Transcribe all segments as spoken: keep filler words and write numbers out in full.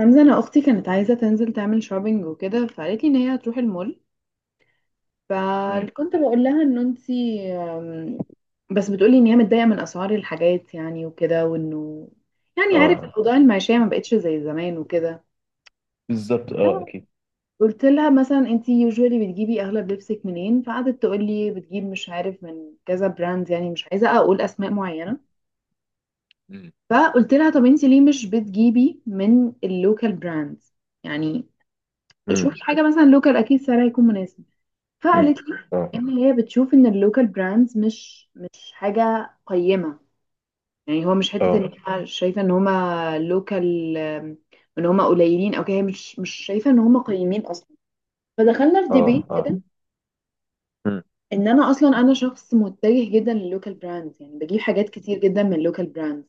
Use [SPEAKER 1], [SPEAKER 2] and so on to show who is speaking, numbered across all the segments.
[SPEAKER 1] حمزة، أنا أختي كانت عايزة تنزل تعمل شوبينج وكده، فقالت لي إن هي هتروح المول.
[SPEAKER 2] مم.
[SPEAKER 1] فكنت بقول لها إن أنتي أم، بس بتقولي إن هي متضايقة من أسعار الحاجات يعني وكده، وإنه يعني عارف
[SPEAKER 2] اه.
[SPEAKER 1] الأوضاع المعيشية ما
[SPEAKER 2] مم.
[SPEAKER 1] بقتش زي زمان وكده.
[SPEAKER 2] بالظبط، اه، اكيد.
[SPEAKER 1] قلت لها مثلا أنتي يوجوالي بتجيبي أغلب لبسك منين؟ فقعدت تقول لي بتجيب مش عارف من كذا براند، يعني مش عايزة أقول أسماء معينة.
[SPEAKER 2] مم.
[SPEAKER 1] فقلت لها طب أنتي ليه مش بتجيبي من اللوكال براندز؟ يعني
[SPEAKER 2] مم.
[SPEAKER 1] شوفي حاجة مثلا لوكال أكيد سعرها يكون مناسب.
[SPEAKER 2] مم.
[SPEAKER 1] فقالت لي
[SPEAKER 2] اه.
[SPEAKER 1] ان هي بتشوف ان اللوكال براندز مش مش حاجه قيمه، يعني هو مش حته
[SPEAKER 2] اه.
[SPEAKER 1] ان هي شايفه ان هما لوكال، ان هما قليلين او كده، هي مش مش شايفه ان هما قيمين اصلا. فدخلنا في
[SPEAKER 2] اه.
[SPEAKER 1] ديبيت
[SPEAKER 2] اه.
[SPEAKER 1] كده،
[SPEAKER 2] مم.
[SPEAKER 1] ان انا اصلا انا شخص متجه جدا للوكال براندز، يعني بجيب حاجات كتير جدا من اللوكال براندز.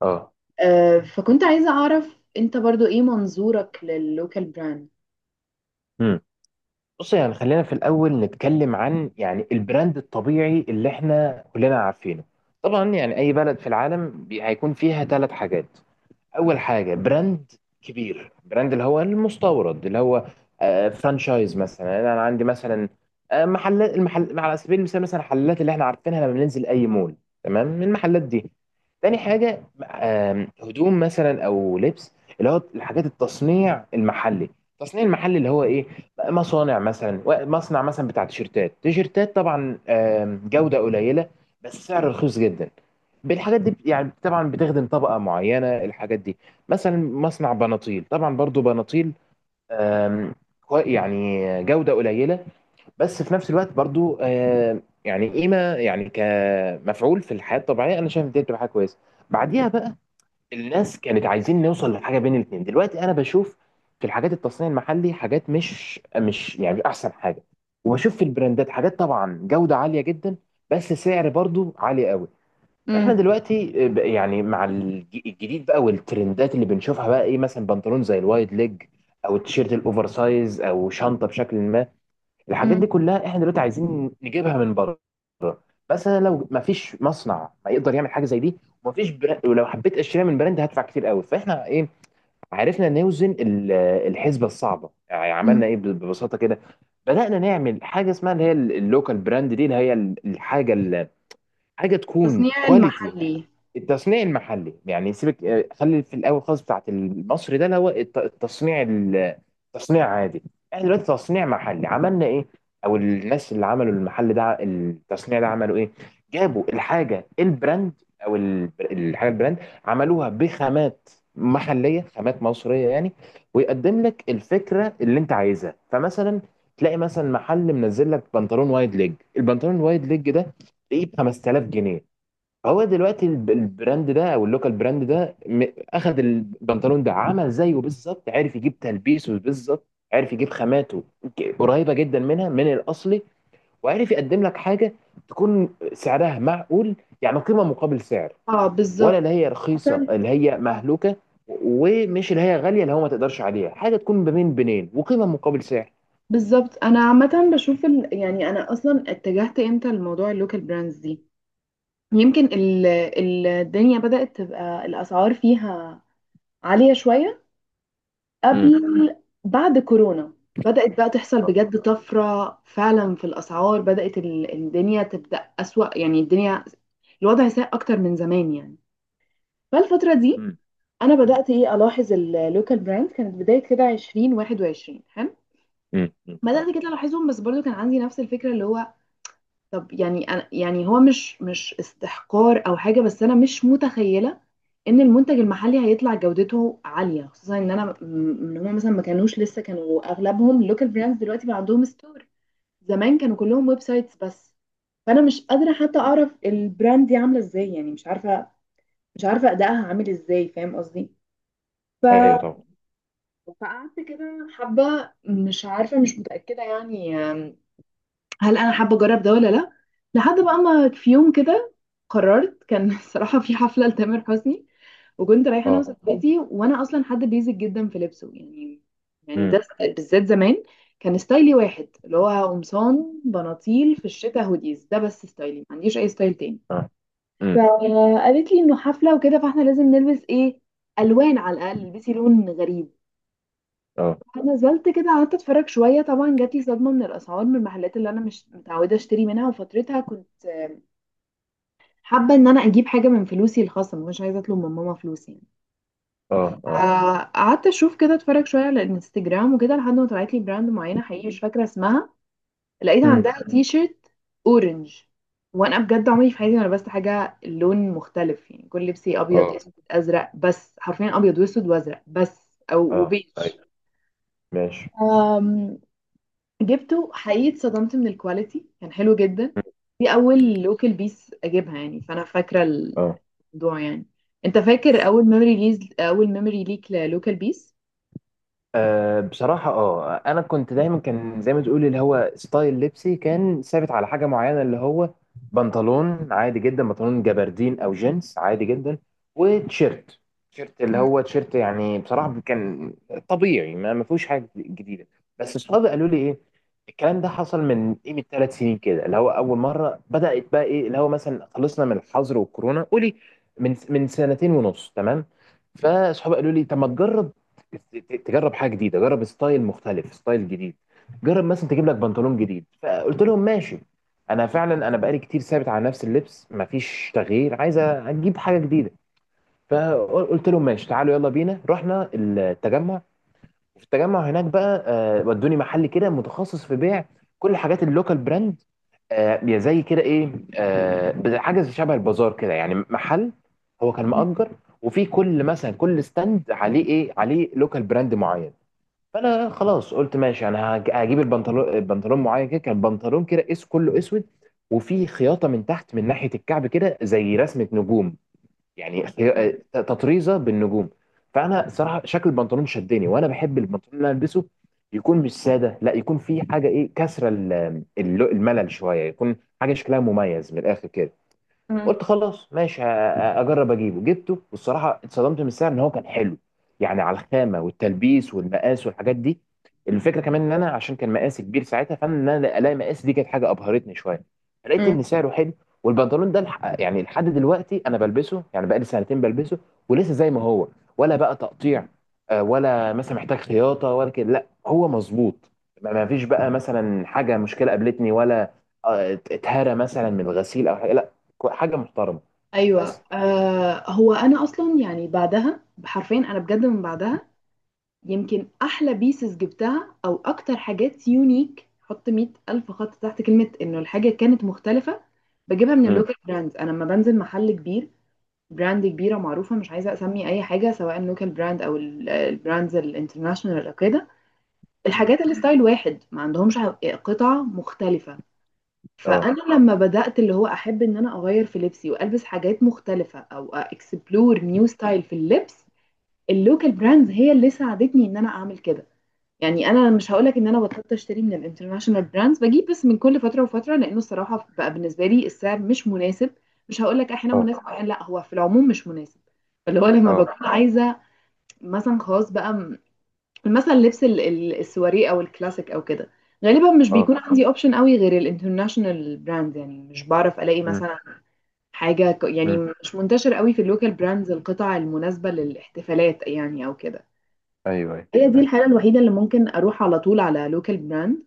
[SPEAKER 2] اه.
[SPEAKER 1] آه فكنت عايزه اعرف انت برضو ايه منظورك لللوكال براند؟
[SPEAKER 2] مم. بص، يعني خلينا في الاول نتكلم عن يعني البراند الطبيعي اللي احنا كلنا عارفينه. طبعا يعني اي بلد في العالم بي- هيكون فيها ثلاث حاجات. اول حاجه براند كبير، براند اللي هو المستورد، اللي هو آه، فرانشايز، مثلا انا عندي مثلا آه، محلات، المحل على سبيل المثال، مثلا الحلات اللي احنا عارفينها لما بننزل اي مول. تمام، من المحلات دي. تاني حاجه آم، هدوم مثلا او لبس، اللي هو الحاجات التصنيع المحلي، التصنيع المحلي اللي هو ايه؟ مصانع مثلا و- مصنع مثلا بتاع تيشيرتات، تيشيرتات طبعا آم، جوده قليله بس سعر رخيص جدا. بالحاجات دي بت- يعني طبعا بتخدم طبقة معينة الحاجات دي. مثلا مصنع بناطيل، طبعا برضو بناطيل آم، كو- يعني جودة قليلة بس في نفس الوقت برضو آم، يعني قيمة، يعني كمفعول في الحياة الطبيعية أنا شايف دي بتبقى حاجة كويسة. بعديها بقى الناس كانت عايزين نوصل لحاجة بين الاتنين. دلوقتي أنا بشوف في الحاجات التصنيع المحلي حاجات مش مش يعني مش أحسن حاجة، وبشوف في البراندات حاجات طبعا جودة عالية جدا، بس سعر برضو عالي قوي. احنا
[SPEAKER 1] امم.
[SPEAKER 2] دلوقتي ب- يعني مع الج- الجديد بقى والترندات اللي بنشوفها، بقى ايه؟ مثلا بنطلون زي الوايد ليج، او التيشيرت الاوفر سايز، او شنطه بشكل ما. الحاجات
[SPEAKER 1] امم.
[SPEAKER 2] دي كلها احنا دلوقتي عايزين نجيبها من بره. مثلا لو ما فيش مصنع ما يقدر يعمل حاجه زي دي، وما فيش براند، ولو حبيت اشتريها من براند هدفع كتير قوي، فاحنا ايه، عرفنا نوزن ال- الحسبه الصعبه. يعني عملنا ايه ببساطه كده؟ بدأنا نعمل حاجه اسمها اللي هي اللوكال براند دي، اللي هي الحاجه، حاجه تكون
[SPEAKER 1] التصنيع
[SPEAKER 2] كواليتي،
[SPEAKER 1] المحلي.
[SPEAKER 2] التصنيع المحلي. يعني سيبك آه، خلي في الاول خالص بتاعت المصري ده، اللي هو الت- التصنيع ال- التصنيع عادي. احنا دلوقتي تصنيع محلي عملنا ايه؟ او الناس اللي عملوا المحل ده، التصنيع ده، عملوا ايه؟ جابوا الحاجه البراند، او ال- الحاجه البراند، عملوها بخامات محليه، خامات مصريه يعني، ويقدم لك الفكره اللي انت عايزها. فمثلا تلاقي مثلا محل منزل لك بنطلون وايد ليج، البنطلون الوايد ليج ده ايه؟ ب خمسة آلاف جنيه. هو دلوقتي الب- البراند ده، او اللوكال براند ده، م- اخد البنطلون ده، عمل زيه بالظبط، عرف يجيب تلبيسه بالظبط، عرف يجيب خاماته ك- قريبه جدا منها من الاصلي، وعرف يقدم لك حاجه تكون سعرها معقول، يعني قيمه مقابل سعر.
[SPEAKER 1] اه
[SPEAKER 2] ولا
[SPEAKER 1] بالظبط.
[SPEAKER 2] اللي هي رخيصه
[SPEAKER 1] مثلا.
[SPEAKER 2] اللي هي مهلوكه، ومش اللي هي غاليه اللي هو ما تقدرش عليها. حاجه تكون بين بينين، وقيمه مقابل سعر.
[SPEAKER 1] بالظبط، انا عامه بشوف ال... يعني انا اصلا اتجهت امتى لموضوع اللوكال براندز دي؟ يمكن ال... ال- الدنيا بدات تبقى الاسعار فيها عاليه شويه،
[SPEAKER 2] امم.
[SPEAKER 1] قبل بعد كورونا بدات بقى تحصل بجد طفره فعلا في الاسعار، بدات ال... الدنيا تبدا اسوأ، يعني الدنيا، الوضع سيء اكتر من زمان يعني. فالفتره دي
[SPEAKER 2] امم.
[SPEAKER 1] انا بدات ايه الاحظ اللوكال براندز، كانت بدايه كده عشرين واحد وعشرين، حلو،
[SPEAKER 2] امم.
[SPEAKER 1] بدات كده الاحظهم، بس برضو كان عندي نفس الفكره، اللي هو طب يعني أنا، يعني هو مش مش استحقار او حاجه، بس انا مش متخيله ان المنتج المحلي هيطلع جودته عاليه، خصوصا ان انا م- ان هم مثلا ما كانوش لسه، كانوا اغلبهم لوكال براندز دلوقتي بقى عندهم ستور، زمان كانوا كلهم ويب سايتس بس. فانا مش قادره حتى اعرف البراند دي عامله ازاي، يعني مش عارفه مش عارفه ادائها عامل ازاي، فاهم قصدي؟ ف...
[SPEAKER 2] ايوه، طبعا.
[SPEAKER 1] فقعدت كده حبه مش عارفه مش متاكده، يعني هل انا حابه اجرب ده ولا لا، لحد بقى ما في يوم كده قررت، كان الصراحه في حفله لتامر حسني، وكنت رايحه انا
[SPEAKER 2] اه.
[SPEAKER 1] وصاحبتي، وانا اصلا حد بيزك جدا في لبسه يعني. يعني
[SPEAKER 2] امم.
[SPEAKER 1] ده بالذات زمان كان ستايلي واحد، اللي هو قمصان بناطيل، في الشتاء هوديز ده بس، ستايلي ما عنديش اي ستايل تاني.
[SPEAKER 2] اه.
[SPEAKER 1] فقالت لي انه حفله وكده، فاحنا لازم نلبس ايه، الوان، على الاقل البسي لون غريب.
[SPEAKER 2] امم.
[SPEAKER 1] فنزلت كده قعدت اتفرج شويه، طبعا جات لي صدمه من الاسعار من المحلات اللي انا مش متعوده اشتري منها، وفترتها كنت آه، حابه ان انا اجيب حاجه من فلوسي الخاصه، مش عايزه اطلب من ماما فلوس يعني.
[SPEAKER 2] اه. اه.
[SPEAKER 1] آه، قعدت اشوف كده اتفرج شويه على الانستجرام وكده، لحد ما طلعت لي براند معينه، حقيقي مش فاكره اسمها، لقيت
[SPEAKER 2] امم.
[SPEAKER 1] عندها تي شيرت اورنج. وانا بجد عمري في حياتي ما لبست حاجه لون مختلف، يعني كل لبسي ابيض
[SPEAKER 2] اه.
[SPEAKER 1] اسود ازرق بس، حرفيا ابيض واسود وازرق بس او
[SPEAKER 2] اه.
[SPEAKER 1] وبيج.
[SPEAKER 2] ايوه، ماشي.
[SPEAKER 1] جبته، حقيقي اتصدمت من الكواليتي، كان حلو جدا. دي
[SPEAKER 2] امم.
[SPEAKER 1] اول لوكال بيس اجيبها، يعني فانا فاكره
[SPEAKER 2] اه.
[SPEAKER 1] الموضوع يعني. انت فاكر اول ميموري ليز اول ميموري ليك للوكال بيس؟
[SPEAKER 2] أه، بصراحة، اه، انا كنت دايما كان زي ما تقول، اللي هو ستايل لبسي كان ثابت على حاجة معينة، اللي هو بنطلون عادي جدا، بنطلون جبردين او جينز عادي جدا، وتيشيرت، تيشيرت، اللي
[SPEAKER 1] مم.
[SPEAKER 2] هو تيشيرت يعني. بصراحة كان طبيعي، ما ما فيهوش حاجة جديدة. بس اصحابي قالوا لي ايه، الكلام ده حصل من ايه، من ثلاث سنين كده، اللي هو اول مرة بدأت بقى ايه، اللي هو مثلا خلصنا من الحظر والكورونا، قولي من من سنتين ونص، تمام. فاصحابي قالوا لي طب ما تجرب، ت- تجرب حاجه جديده، جرب ستايل مختلف، ستايل جديد، جرب مثلا تجيب لك بنطلون جديد. فقلت لهم ماشي، انا فعلا انا بقالي كتير ثابت على نفس اللبس، مفيش تغيير، عايز اجيب حاجه جديده. فقلت لهم ماشي، تعالوا يلا بينا. رحنا التجمع، وفي التجمع هناك بقى آه، ودوني محل كده متخصص في بيع كل حاجات اللوكال براند، آه، زي كده ايه، آه، حاجه زي شبه البازار كده، يعني محل، هو كان
[SPEAKER 1] مم.
[SPEAKER 2] مأجر، وفي كل، مثلا كل ستاند عليه ايه، عليه لوكال براند معين. فانا خلاص قلت ماشي، انا هج- هجيب البنطلون البنطلون معين كده. كان بنطلون كده اس كله اسود، وفي خياطه من تحت من ناحيه الكعب كده زي رسمه نجوم، يعني خي- آه، تطريزه بالنجوم. فانا صراحه شكل البنطلون شدني، وانا بحب البنطلون اللي أنا البسه يكون مش ساده، لا يكون فيه حاجه، ايه، كسره ال- الل- الملل شويه، يكون حاجه شكلها مميز من الاخر كده.
[SPEAKER 1] مم.
[SPEAKER 2] قلت خلاص ماشي، ه- اجرب اجيبه. جبته، والصراحه اتصدمت من السعر، ان هو كان حلو، يعني على الخامه والتلبيس والمقاس والحاجات دي. الفكره كمان ان انا، عشان كان مقاسي كبير ساعتها، فان انا الاقي مقاس دي كانت حاجه ابهرتني شويه. لقيت
[SPEAKER 1] مم.
[SPEAKER 2] ان سعره حلو. والبنطلون ده الح- يعني لحد دلوقتي انا بلبسه، يعني بقالي سنتين بلبسه، ولسه زي ما هو، ولا بقى تقطيع، آه، ولا مثلا محتاج خياطه، ولا كده، لا هو مظبوط، ما ما فيش بقى مثلا حاجه، مشكله قابلتني، ولا آه، اتهرى مثلا من الغسيل او حاجه، كو- حاجه محترمه.
[SPEAKER 1] ايوه.
[SPEAKER 2] بس.
[SPEAKER 1] آه، هو انا اصلا يعني بعدها حرفيا، انا بجد من بعدها يمكن احلى بيسز جبتها او اكتر حاجات يونيك، حط مئة الف خط تحت كلمه انه الحاجه كانت مختلفه، بجيبها من
[SPEAKER 2] مم.
[SPEAKER 1] اللوكال براندز. انا لما بنزل محل كبير، براند كبيرة معروفة، مش عايزة أسمي أي حاجة سواء لوكال براند أو ال- البراندز الانترناشونال أو كده،
[SPEAKER 2] مم.
[SPEAKER 1] الحاجات الستايل واحد، ما عندهمش ح- قطع مختلفة.
[SPEAKER 2] اه.
[SPEAKER 1] فأنا لما بدأت اللي هو أحب إن أنا أغير في لبسي وألبس حاجات مختلفة أو أكسبلور نيو ستايل في اللبس، اللوكال براندز هي اللي ساعدتني إن أنا أعمل كده. يعني انا مش هقولك ان انا بطلت اشتري من الانترناشونال براندز، بجيب بس من كل فتره وفتره، لانه الصراحه بقى بالنسبه لي السعر مش مناسب، مش هقولك احيانا
[SPEAKER 2] اه.
[SPEAKER 1] مناسب احيانا لا، هو في العموم مش مناسب. اللي هو لما
[SPEAKER 2] اه.
[SPEAKER 1] بكون عايزه مثلا خلاص بقى م- مثلا لبس ال- ال- السواري او الكلاسيك او كده، غالبا مش
[SPEAKER 2] اه.
[SPEAKER 1] بيكون عندي اوبشن قوي غير الانترناشونال براندز، يعني مش بعرف الاقي
[SPEAKER 2] مم.
[SPEAKER 1] مثلا حاجه ك- يعني
[SPEAKER 2] مم.
[SPEAKER 1] مش منتشر قوي في اللوكال براندز القطع المناسبه للاحتفالات يعني او كده.
[SPEAKER 2] ايوه، ايوه.
[SPEAKER 1] هي دي
[SPEAKER 2] أيوة.
[SPEAKER 1] الحالة الوحيدة اللي ممكن أروح على طول على لوكال براند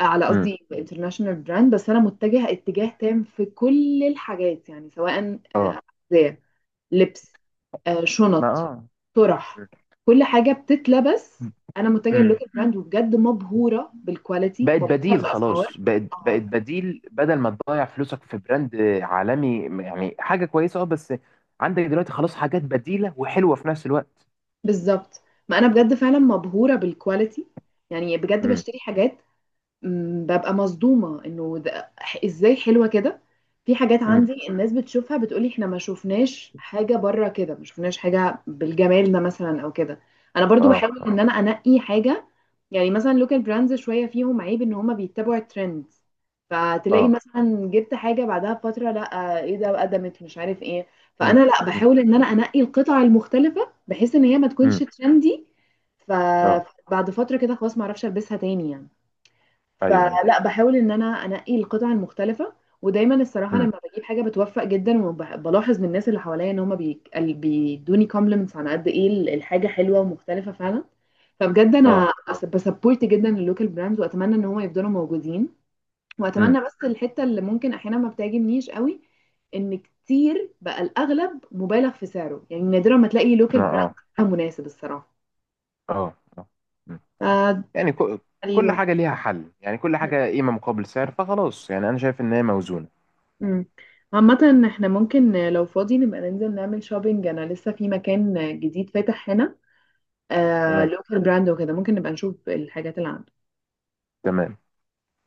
[SPEAKER 1] على
[SPEAKER 2] مم.
[SPEAKER 1] قصدي انترناشونال براند، بس أنا متجهة اتجاه تام في كل الحاجات، يعني سواء
[SPEAKER 2] اه.
[SPEAKER 1] زي لبس، آه،
[SPEAKER 2] ما،
[SPEAKER 1] شنط،
[SPEAKER 2] اه.
[SPEAKER 1] طرح، كل حاجة بتتلبس،
[SPEAKER 2] مم.
[SPEAKER 1] أنا متجهة
[SPEAKER 2] مم.
[SPEAKER 1] للوكال براند وبجد مبهورة بالكواليتي،
[SPEAKER 2] بقت
[SPEAKER 1] مبهورة
[SPEAKER 2] بديل،
[SPEAKER 1] بالأسعار.
[SPEAKER 2] خلاص بقت بقت
[SPEAKER 1] آه،
[SPEAKER 2] بديل، بدل ما تضيع فلوسك في براند عالمي، يعني حاجه كويسه، اه. بس عندك دلوقتي خلاص حاجات بديله وحلوه في نفس الوقت.
[SPEAKER 1] بالظبط. ما أنا بجد فعلا مبهورة بالكواليتي، يعني بجد
[SPEAKER 2] مم.
[SPEAKER 1] بشتري حاجات، مم، ببقى صدومة انه ده- ازاي حلوة كده. في حاجات
[SPEAKER 2] مم.
[SPEAKER 1] عندي الناس بتشوفها بتقولي احنا ما شفناش حاجة بره كده، ما شفناش حاجة بالجمال ده مثلا او كده. انا برضو
[SPEAKER 2] اه.
[SPEAKER 1] بحاول
[SPEAKER 2] اه.
[SPEAKER 1] ان انا انقي حاجة، يعني مثلا لوكال براندز شوية فيهم عيب ان هما بيتبعوا الترند، فتلاقي
[SPEAKER 2] اه.
[SPEAKER 1] مثلا جبت حاجة بعدها بفترة، لا ايه ده قدمت مش عارف ايه. فانا
[SPEAKER 2] مم.
[SPEAKER 1] لا
[SPEAKER 2] مم.
[SPEAKER 1] بحاول ان انا انقي القطع المختلفة بحيث ان هي ما تكونش
[SPEAKER 2] مم.
[SPEAKER 1] ترندي،
[SPEAKER 2] اه.
[SPEAKER 1] فبعد فترة كده خلاص ما اعرفش البسها تاني يعني.
[SPEAKER 2] ايوه، ايوه.
[SPEAKER 1] فلأ باحاول إن أنا أنقّي القطع المختلفة، ودايمًا الصراحة
[SPEAKER 2] مم.
[SPEAKER 1] لمّا باجيب حاجة باتوفّق جدًا، وب بالاحظ من الناس اللي حواليّا إن هُم بيك ال بيدّوني compliments عن قد إيه ال الحاجة حلوة ومختلفة فعلًا. فبجد
[SPEAKER 2] اه.
[SPEAKER 1] أنا أس بasupport جدًا الlocal brands، وأتمنى إن هُم يفضلوا موجودين، وأتمنى
[SPEAKER 2] مم.
[SPEAKER 1] بس الحتّة اللي ممكن أحيانًا ما بتعجبنيش أوي، إن كتير بقى الأغلب مُبالغ في سعره، يعني نادرًا ما تلاقي local
[SPEAKER 2] ما، اه.
[SPEAKER 1] brand مناسب الصراحة،
[SPEAKER 2] اه. آه. مم.
[SPEAKER 1] ف
[SPEAKER 2] يعني كو-
[SPEAKER 1] ده
[SPEAKER 2] كل
[SPEAKER 1] الواحد.
[SPEAKER 2] حاجة ليها حل، يعني كل حاجة قيمة مقابل سعر، فخلاص يعني أنا شايف إن هي موزونة.
[SPEAKER 1] امم. عامة احنا ممكن لو فاضي نبقى ننزل نعمل شوبينج، انا لسه في مكان جديد فاتح هنا آه
[SPEAKER 2] تمام،
[SPEAKER 1] لوكال براند وكده، ممكن نبقى نشوف الحاجات اللي عنده.
[SPEAKER 2] تمام.